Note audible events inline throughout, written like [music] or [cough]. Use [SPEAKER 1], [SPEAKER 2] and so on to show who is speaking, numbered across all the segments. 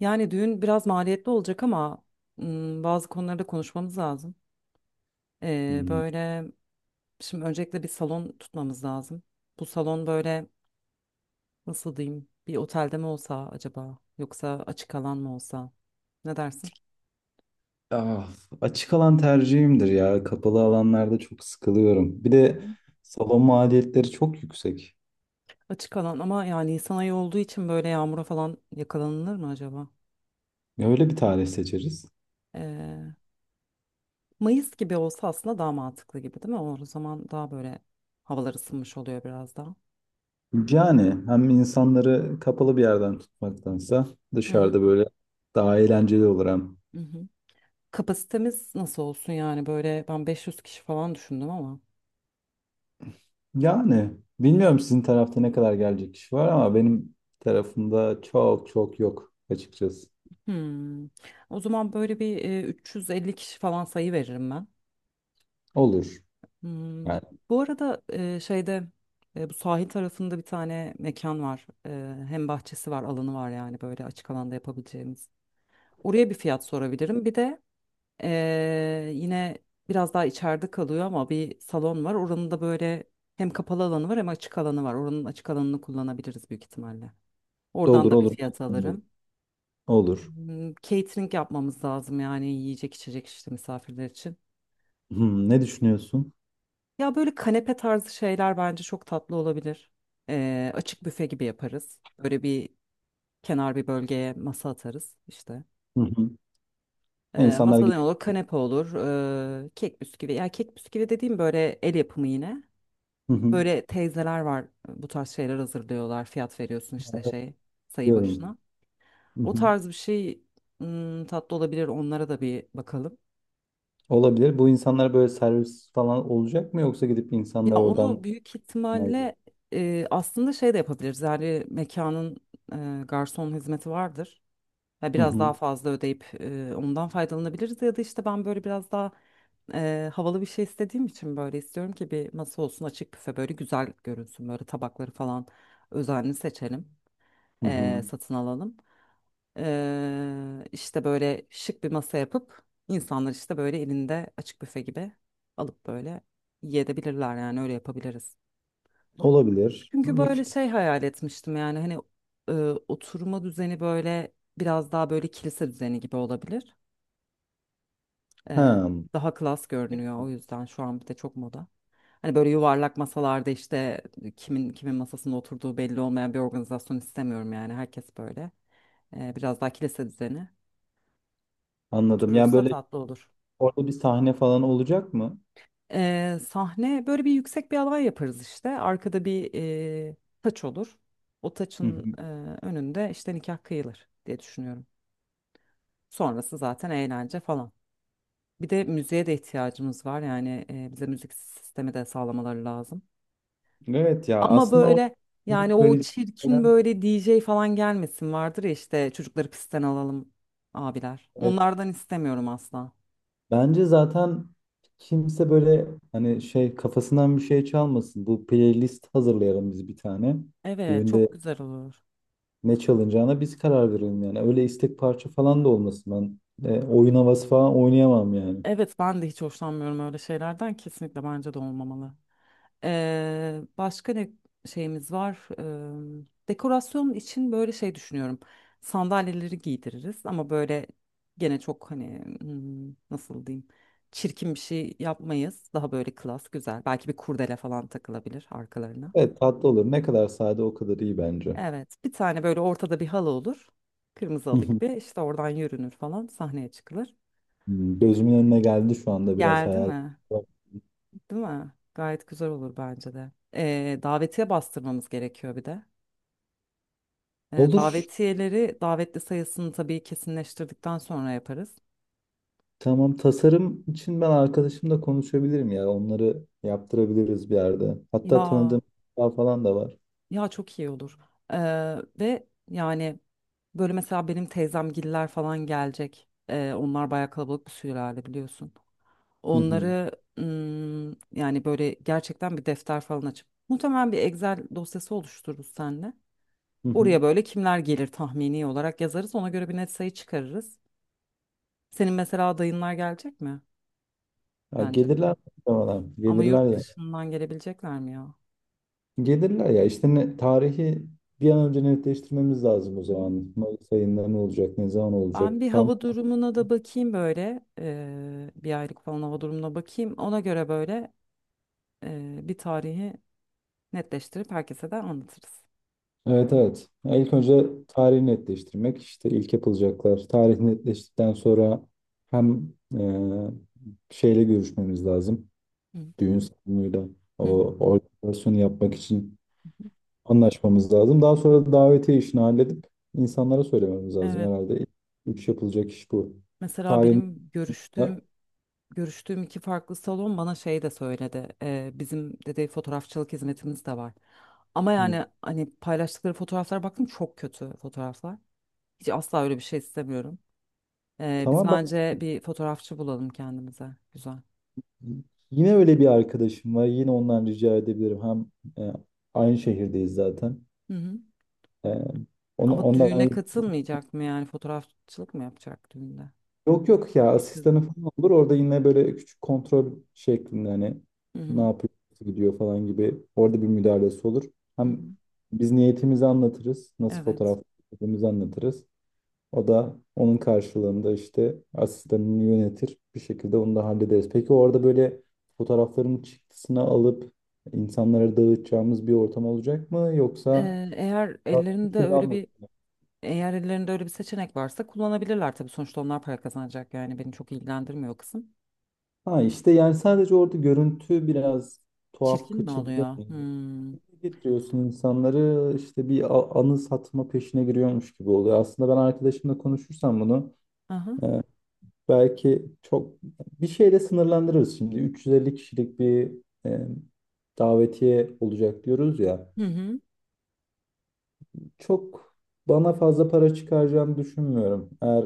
[SPEAKER 1] Yani düğün biraz maliyetli olacak ama bazı konularda konuşmamız lazım.
[SPEAKER 2] Hmm.
[SPEAKER 1] Böyle şimdi öncelikle bir salon tutmamız lazım. Bu salon böyle nasıl diyeyim, bir otelde mi olsa acaba yoksa açık alan mı olsa, ne dersin?
[SPEAKER 2] Ah, açık alan tercihimdir ya. Kapalı alanlarda çok sıkılıyorum. Bir
[SPEAKER 1] Hı
[SPEAKER 2] de
[SPEAKER 1] hı.
[SPEAKER 2] salon maliyetleri çok yüksek.
[SPEAKER 1] Açık alan ama yani Nisan ayı olduğu için böyle yağmura falan yakalanılır mı acaba?
[SPEAKER 2] Ya öyle bir tarih seçeriz.
[SPEAKER 1] Ee, Mayıs gibi olsa aslında daha mantıklı gibi değil mi? O zaman daha böyle havalar ısınmış oluyor biraz daha.
[SPEAKER 2] Yani hem insanları kapalı bir yerden tutmaktansa
[SPEAKER 1] Hı hı.
[SPEAKER 2] dışarıda böyle daha eğlenceli olur hem.
[SPEAKER 1] Hı hı. Kapasitemiz nasıl olsun yani böyle ben 500 kişi falan düşündüm ama.
[SPEAKER 2] Yani bilmiyorum sizin tarafta ne kadar gelecek kişi var ama benim tarafımda çok çok yok açıkçası.
[SPEAKER 1] Hmm. O zaman böyle bir 350 kişi falan sayı veririm ben.
[SPEAKER 2] Olur.
[SPEAKER 1] Hmm.
[SPEAKER 2] Yani
[SPEAKER 1] Bu arada şeyde bu sahil tarafında bir tane mekan var. Hem bahçesi var, alanı var yani böyle açık alanda yapabileceğimiz. Oraya bir fiyat sorabilirim. Bir de yine biraz daha içeride kalıyor ama bir salon var. Oranın da böyle hem kapalı alanı var hem açık alanı var. Oranın açık alanını kullanabiliriz büyük ihtimalle. Oradan
[SPEAKER 2] olur
[SPEAKER 1] da bir
[SPEAKER 2] olur.
[SPEAKER 1] fiyat alırım.
[SPEAKER 2] Olur.
[SPEAKER 1] Hmm. Catering yapmamız lazım yani yiyecek içecek işte misafirler için.
[SPEAKER 2] Ne düşünüyorsun?
[SPEAKER 1] Ya böyle kanepe tarzı şeyler bence çok tatlı olabilir. Açık büfe gibi yaparız. Böyle bir kenar bir bölgeye masa atarız işte.
[SPEAKER 2] Hı hı. İnsanlar
[SPEAKER 1] Masa
[SPEAKER 2] git.
[SPEAKER 1] ne olur? Kanepe olur. Kek bisküvi. Ya kek bisküvi dediğim böyle el yapımı yine.
[SPEAKER 2] Hı hı.
[SPEAKER 1] Böyle teyzeler var, bu tarz şeyler hazırlıyorlar. Fiyat veriyorsun işte şey, sayı
[SPEAKER 2] Diyorum.
[SPEAKER 1] başına.
[SPEAKER 2] Hı
[SPEAKER 1] O
[SPEAKER 2] hı.
[SPEAKER 1] tarz bir şey, hmm, tatlı olabilir. Onlara da bir bakalım.
[SPEAKER 2] Olabilir. Bu insanlar böyle servis falan olacak mı, yoksa gidip
[SPEAKER 1] Ya
[SPEAKER 2] insanlar oradan
[SPEAKER 1] onu büyük
[SPEAKER 2] alıyor?
[SPEAKER 1] ihtimalle aslında şey de yapabiliriz. Yani mekanın garson hizmeti vardır. Ya
[SPEAKER 2] Hı
[SPEAKER 1] biraz
[SPEAKER 2] hı.
[SPEAKER 1] daha fazla ödeyip ondan faydalanabiliriz ya da işte ben böyle biraz daha havalı bir şey istediğim için böyle istiyorum ki bir masa olsun, açık büfe böyle güzel görünsün, böyle tabakları falan özenli seçelim,
[SPEAKER 2] Hı hı.
[SPEAKER 1] satın alalım, işte böyle şık bir masa yapıp insanlar işte böyle elinde açık büfe gibi alıp böyle yiyebilirler yani, öyle yapabiliriz.
[SPEAKER 2] Olabilir.
[SPEAKER 1] Çünkü
[SPEAKER 2] İyi
[SPEAKER 1] böyle
[SPEAKER 2] fikir.
[SPEAKER 1] şey hayal etmiştim yani, hani, e, oturma düzeni böyle biraz daha böyle kilise düzeni gibi olabilir. E,
[SPEAKER 2] Ha,
[SPEAKER 1] daha klas görünüyor, o yüzden şu an bir de çok moda. Hani böyle yuvarlak masalarda işte kimin kimin masasında oturduğu belli olmayan bir organizasyon istemiyorum, yani herkes böyle biraz daha kilise düzeni
[SPEAKER 2] anladım. Yani
[SPEAKER 1] oturursa
[SPEAKER 2] böyle
[SPEAKER 1] tatlı olur.
[SPEAKER 2] orada bir sahne falan olacak mı?
[SPEAKER 1] Sahne böyle bir yüksek bir alan yaparız işte, arkada bir e, taç olur. O
[SPEAKER 2] Hı
[SPEAKER 1] taçın
[SPEAKER 2] hı.
[SPEAKER 1] önünde işte nikah kıyılır diye düşünüyorum. Sonrası zaten eğlence falan. Bir de müziğe de ihtiyacımız var. Yani bize müzik sistemi de sağlamaları lazım.
[SPEAKER 2] Evet ya,
[SPEAKER 1] Ama
[SPEAKER 2] aslında o
[SPEAKER 1] böyle yani o
[SPEAKER 2] böyle.
[SPEAKER 1] çirkin böyle DJ falan gelmesin, vardır ya işte, çocukları pistten alalım abiler.
[SPEAKER 2] Evet.
[SPEAKER 1] Onlardan istemiyorum asla.
[SPEAKER 2] Bence zaten kimse böyle hani şey kafasından bir şey çalmasın. Bu playlist hazırlayalım biz bir tane.
[SPEAKER 1] Evet, çok
[SPEAKER 2] Düğünde
[SPEAKER 1] güzel olur.
[SPEAKER 2] ne çalınacağına biz karar verelim yani. Öyle istek parça falan da olmasın ben. Oyun havası falan oynayamam yani.
[SPEAKER 1] Evet, ben de hiç hoşlanmıyorum öyle şeylerden. Kesinlikle bence de olmamalı. Başka ne şeyimiz var? Dekorasyon için böyle şey düşünüyorum. Sandalyeleri giydiririz ama böyle gene çok, hani, hmm, nasıl diyeyim? Çirkin bir şey yapmayız. Daha böyle klas, güzel. Belki bir kurdele falan takılabilir arkalarına.
[SPEAKER 2] Evet, tatlı olur. Ne kadar sade o kadar iyi bence.
[SPEAKER 1] Evet, bir tane böyle ortada bir halı olur. Kırmızı
[SPEAKER 2] Hı
[SPEAKER 1] halı
[SPEAKER 2] hı.
[SPEAKER 1] gibi işte, oradan yürünür falan, sahneye çıkılır.
[SPEAKER 2] Gözümün önüne geldi şu anda biraz
[SPEAKER 1] Geldi
[SPEAKER 2] hayal.
[SPEAKER 1] mi? Değil mi? Gayet güzel olur bence de. Davetiye bastırmamız gerekiyor bir de.
[SPEAKER 2] Olur.
[SPEAKER 1] Davetiyeleri davetli sayısını tabii kesinleştirdikten sonra yaparız.
[SPEAKER 2] Tamam, tasarım için ben arkadaşımla konuşabilirim ya. Onları yaptırabiliriz bir yerde. Hatta
[SPEAKER 1] Ya
[SPEAKER 2] tanıdığım daha falan da var.
[SPEAKER 1] ya çok iyi olur. E, ve yani böyle mesela benim teyzemgiller falan gelecek. Onlar bayağı kalabalık bir sülale biliyorsun.
[SPEAKER 2] Hı hı,
[SPEAKER 1] Onları mm, yani böyle gerçekten bir defter falan açıp muhtemelen bir Excel dosyası oluştururuz seninle.
[SPEAKER 2] hı hı.
[SPEAKER 1] Oraya böyle kimler gelir tahmini olarak yazarız. Ona göre bir net sayı çıkarırız. Senin mesela dayınlar gelecek mi
[SPEAKER 2] Ya
[SPEAKER 1] bence?
[SPEAKER 2] gelirler muhtemelen.
[SPEAKER 1] Ama
[SPEAKER 2] Gelirler
[SPEAKER 1] yurt
[SPEAKER 2] ya.
[SPEAKER 1] dışından gelebilecekler mi ya?
[SPEAKER 2] Gelirler ya işte ne, tarihi bir an önce netleştirmemiz lazım o
[SPEAKER 1] Hı hı.
[SPEAKER 2] zaman. Mayıs ayında ne olacak, ne zaman olacak?
[SPEAKER 1] Ben bir
[SPEAKER 2] Tam.
[SPEAKER 1] hava durumuna da bakayım böyle. Bir aylık falan hava durumuna bakayım. Ona göre böyle bir tarihi netleştirip herkese de anlatırız.
[SPEAKER 2] Evet, evet. Ya ilk önce tarihi netleştirmek işte ilk yapılacaklar. Tarih netleştikten sonra hem e, şeyle görüşmemiz lazım.
[SPEAKER 1] Hı.
[SPEAKER 2] Düğün salonuyla o
[SPEAKER 1] Hı hı.
[SPEAKER 2] organizasyonu yapmak için anlaşmamız lazım. Daha sonra da davetiye işini halledip insanlara söylememiz lazım
[SPEAKER 1] Evet.
[SPEAKER 2] herhalde. Üç yapılacak iş bu.
[SPEAKER 1] Mesela
[SPEAKER 2] Tarihin.
[SPEAKER 1] benim görüştüğüm iki farklı salon bana şey de söyledi. Bizim dedi fotoğrafçılık hizmetimiz de var. Ama
[SPEAKER 2] Hı.
[SPEAKER 1] yani hani paylaştıkları fotoğraflara baktım, çok kötü fotoğraflar. Hiç asla öyle bir şey istemiyorum. Biz
[SPEAKER 2] Tamam, ben
[SPEAKER 1] bence bir fotoğrafçı bulalım kendimize. Güzel.
[SPEAKER 2] yine öyle bir arkadaşım var. Yine ondan rica edebilirim. Hem e, aynı şehirdeyiz zaten.
[SPEAKER 1] Hı hı.
[SPEAKER 2] E, ona,
[SPEAKER 1] Ama düğüne
[SPEAKER 2] ondan
[SPEAKER 1] katılmayacak mı yani, fotoğrafçılık mı yapacak düğünde?
[SPEAKER 2] yok yok ya,
[SPEAKER 1] Yakın.
[SPEAKER 2] asistanı falan olur. Orada yine böyle küçük kontrol şeklinde hani
[SPEAKER 1] Hı
[SPEAKER 2] ne
[SPEAKER 1] hı.
[SPEAKER 2] yapıyor, nasıl gidiyor falan gibi orada bir müdahalesi olur.
[SPEAKER 1] Hı hı.
[SPEAKER 2] Hem biz niyetimizi anlatırız. Nasıl
[SPEAKER 1] Evet.
[SPEAKER 2] fotoğraf çektiğimizi anlatırız. O da onun karşılığında işte asistanını yönetir. Bir şekilde onu da hallederiz. Peki orada böyle fotoğrafların çıktısını alıp insanlara dağıtacağımız bir ortam olacak mı? Yoksa
[SPEAKER 1] Ee, eğer
[SPEAKER 2] [laughs] farklı
[SPEAKER 1] ellerinde
[SPEAKER 2] türlü
[SPEAKER 1] öyle bir
[SPEAKER 2] anlatılır.
[SPEAKER 1] eğer ellerinde öyle bir seçenek varsa kullanabilirler tabii, sonuçta onlar para kazanacak, yani beni çok ilgilendirmiyor o kısım.
[SPEAKER 2] Ha işte yani sadece orada görüntü biraz tuhaf
[SPEAKER 1] Çirkin mi
[SPEAKER 2] kaçırılıyor.
[SPEAKER 1] oluyor? Hmm.
[SPEAKER 2] Getiriyorsun insanları, işte bir anı satma peşine giriyormuş gibi oluyor. Aslında ben arkadaşımla konuşursam bunu
[SPEAKER 1] Aha.
[SPEAKER 2] e, Belki çok bir şeyle sınırlandırırız şimdi. 350 kişilik bir e, davetiye olacak diyoruz ya.
[SPEAKER 1] Hı hı.
[SPEAKER 2] Çok bana fazla para çıkaracağını düşünmüyorum. Eğer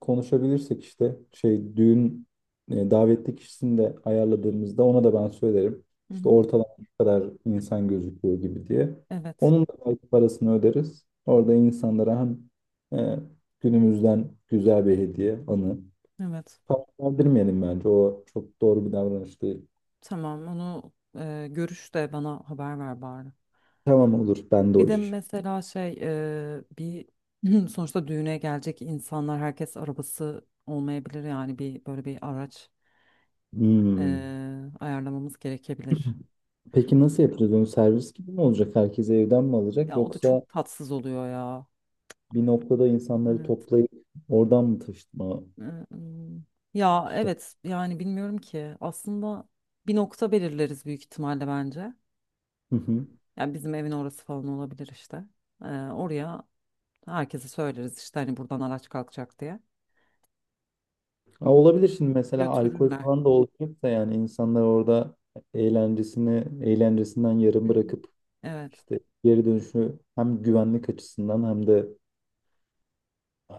[SPEAKER 2] konuşabilirsek işte şey düğün davetli kişisini de ayarladığımızda ona da ben söylerim.
[SPEAKER 1] Hı
[SPEAKER 2] İşte
[SPEAKER 1] hı.
[SPEAKER 2] ortalama bu kadar insan gözüküyor gibi diye.
[SPEAKER 1] Evet.
[SPEAKER 2] Onun da belki parasını öderiz. Orada insanlara hem e, günümüzden güzel bir hediye, anı.
[SPEAKER 1] Evet.
[SPEAKER 2] Verdirmeyelim bence. O çok doğru bir davranış değil.
[SPEAKER 1] Tamam, onu görüş de bana haber ver bari.
[SPEAKER 2] Tamam, olur. Ben de o
[SPEAKER 1] Bir de
[SPEAKER 2] iş.
[SPEAKER 1] mesela şey, bir [clears throat] sonuçta düğüne gelecek insanlar, herkes arabası olmayabilir, yani bir böyle bir araç e,
[SPEAKER 2] Hmm.
[SPEAKER 1] ayarlamamız gerekebilir.
[SPEAKER 2] Peki nasıl yapacağız onu? Servis gibi mi olacak? Herkes evden mi alacak?
[SPEAKER 1] Ya o da
[SPEAKER 2] Yoksa
[SPEAKER 1] çok tatsız oluyor ya.
[SPEAKER 2] bir noktada insanları
[SPEAKER 1] Evet.
[SPEAKER 2] toplayıp oradan mı taşıtma?
[SPEAKER 1] Ee, ım, Ya
[SPEAKER 2] İşte.
[SPEAKER 1] evet, yani bilmiyorum ki aslında, bir nokta belirleriz büyük ihtimalle bence.
[SPEAKER 2] Hı hı.
[SPEAKER 1] Yani bizim evin orası falan olabilir işte. Oraya herkese söyleriz işte, hani buradan araç kalkacak diye.
[SPEAKER 2] Ha, olabilir şimdi mesela alkol
[SPEAKER 1] Götürürler.
[SPEAKER 2] falan da olacaksa, yani insanlar orada eğlencesini eğlencesinden yarım
[SPEAKER 1] Hı hı.
[SPEAKER 2] bırakıp
[SPEAKER 1] Evet,
[SPEAKER 2] işte geri dönüşü hem güvenlik açısından hem de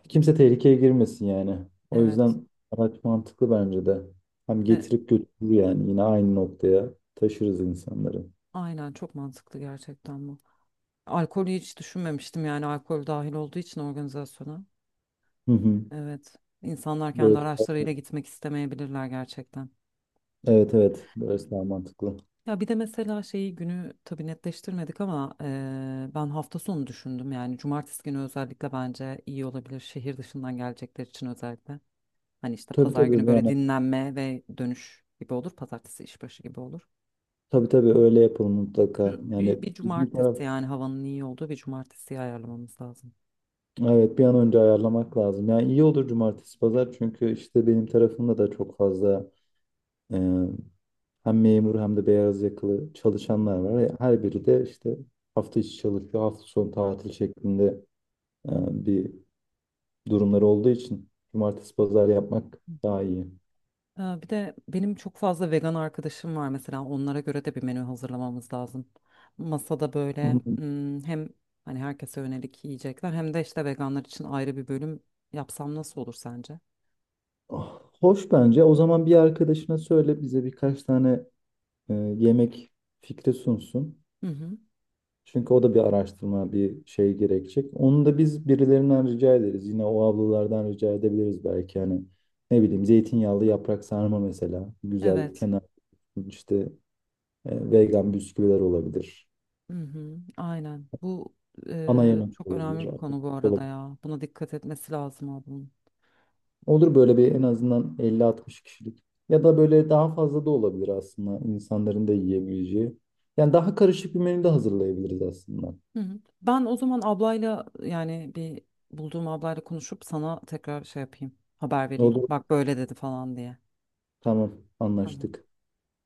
[SPEAKER 2] kimse tehlikeye girmesin yani. O
[SPEAKER 1] evet.
[SPEAKER 2] yüzden araç mantıklı bence de. Hem
[SPEAKER 1] E,
[SPEAKER 2] getirip götürür yani, yine aynı noktaya taşırız insanları.
[SPEAKER 1] Aynen, çok mantıklı gerçekten bu. Alkolü hiç düşünmemiştim yani, alkol dahil olduğu için organizasyona.
[SPEAKER 2] Hı hı.
[SPEAKER 1] Evet. İnsanlar kendi
[SPEAKER 2] Böyle,
[SPEAKER 1] araçlarıyla gitmek istemeyebilirler gerçekten.
[SPEAKER 2] evet evet, böyle daha mantıklı.
[SPEAKER 1] Ya bir de mesela şeyi, günü tabii netleştirmedik ama ben hafta sonu düşündüm, yani cumartesi günü özellikle bence iyi olabilir, şehir dışından gelecekler için özellikle. Hani işte
[SPEAKER 2] Tabii
[SPEAKER 1] pazar
[SPEAKER 2] tabii
[SPEAKER 1] günü böyle
[SPEAKER 2] yani,
[SPEAKER 1] dinlenme ve dönüş gibi olur. Pazartesi işbaşı gibi olur.
[SPEAKER 2] tabii tabii öyle yapalım mutlaka.
[SPEAKER 1] Cu- Bir,
[SPEAKER 2] Yani
[SPEAKER 1] bir
[SPEAKER 2] bizim taraf.
[SPEAKER 1] cumartesi, yani havanın iyi olduğu bir cumartesiyi ayarlamamız lazım.
[SPEAKER 2] Evet, bir an önce ayarlamak lazım. Yani iyi olur cumartesi pazar çünkü işte benim tarafımda da çok fazla e, hem memur hem de beyaz yakalı çalışanlar var. Her biri de işte hafta içi çalışıyor, hafta sonu tatil şeklinde e, bir durumları olduğu için cumartesi pazar yapmak daha iyi.
[SPEAKER 1] Bir de benim çok fazla vegan arkadaşım var, mesela onlara göre de bir menü hazırlamamız lazım. Masada böyle,
[SPEAKER 2] Hmm.
[SPEAKER 1] hmm, hem hani herkese yönelik yiyecekler, hem de işte veganlar için ayrı bir bölüm yapsam nasıl olur sence?
[SPEAKER 2] Ah, hoş bence. O zaman bir arkadaşına söyle bize birkaç tane yemek fikri sunsun.
[SPEAKER 1] Hı hı.
[SPEAKER 2] Çünkü o da bir araştırma, bir şey gerekecek. Onu da biz birilerinden rica ederiz. Yine o ablalardan rica edebiliriz belki. Hani ne bileyim zeytinyağlı yaprak sarma mesela. Güzel
[SPEAKER 1] Evet.
[SPEAKER 2] kenar işte vegan bisküviler olabilir.
[SPEAKER 1] Hı hı. Aynen. Bu
[SPEAKER 2] Ana yemek
[SPEAKER 1] çok
[SPEAKER 2] olabilir.
[SPEAKER 1] önemli bir konu bu arada ya. Buna dikkat etmesi lazım ablanın.
[SPEAKER 2] Olur böyle bir en azından 50-60 kişilik. Ya da böyle daha fazla da olabilir aslında insanların da yiyebileceği. Yani daha karışık bir menü de hazırlayabiliriz aslında.
[SPEAKER 1] Hı hı. Ben o zaman ablayla, yani bulduğum ablayla konuşup sana tekrar şey yapayım. Haber vereyim.
[SPEAKER 2] Olur.
[SPEAKER 1] Bak böyle dedi falan diye.
[SPEAKER 2] Tamam,
[SPEAKER 1] Tamam.
[SPEAKER 2] anlaştık.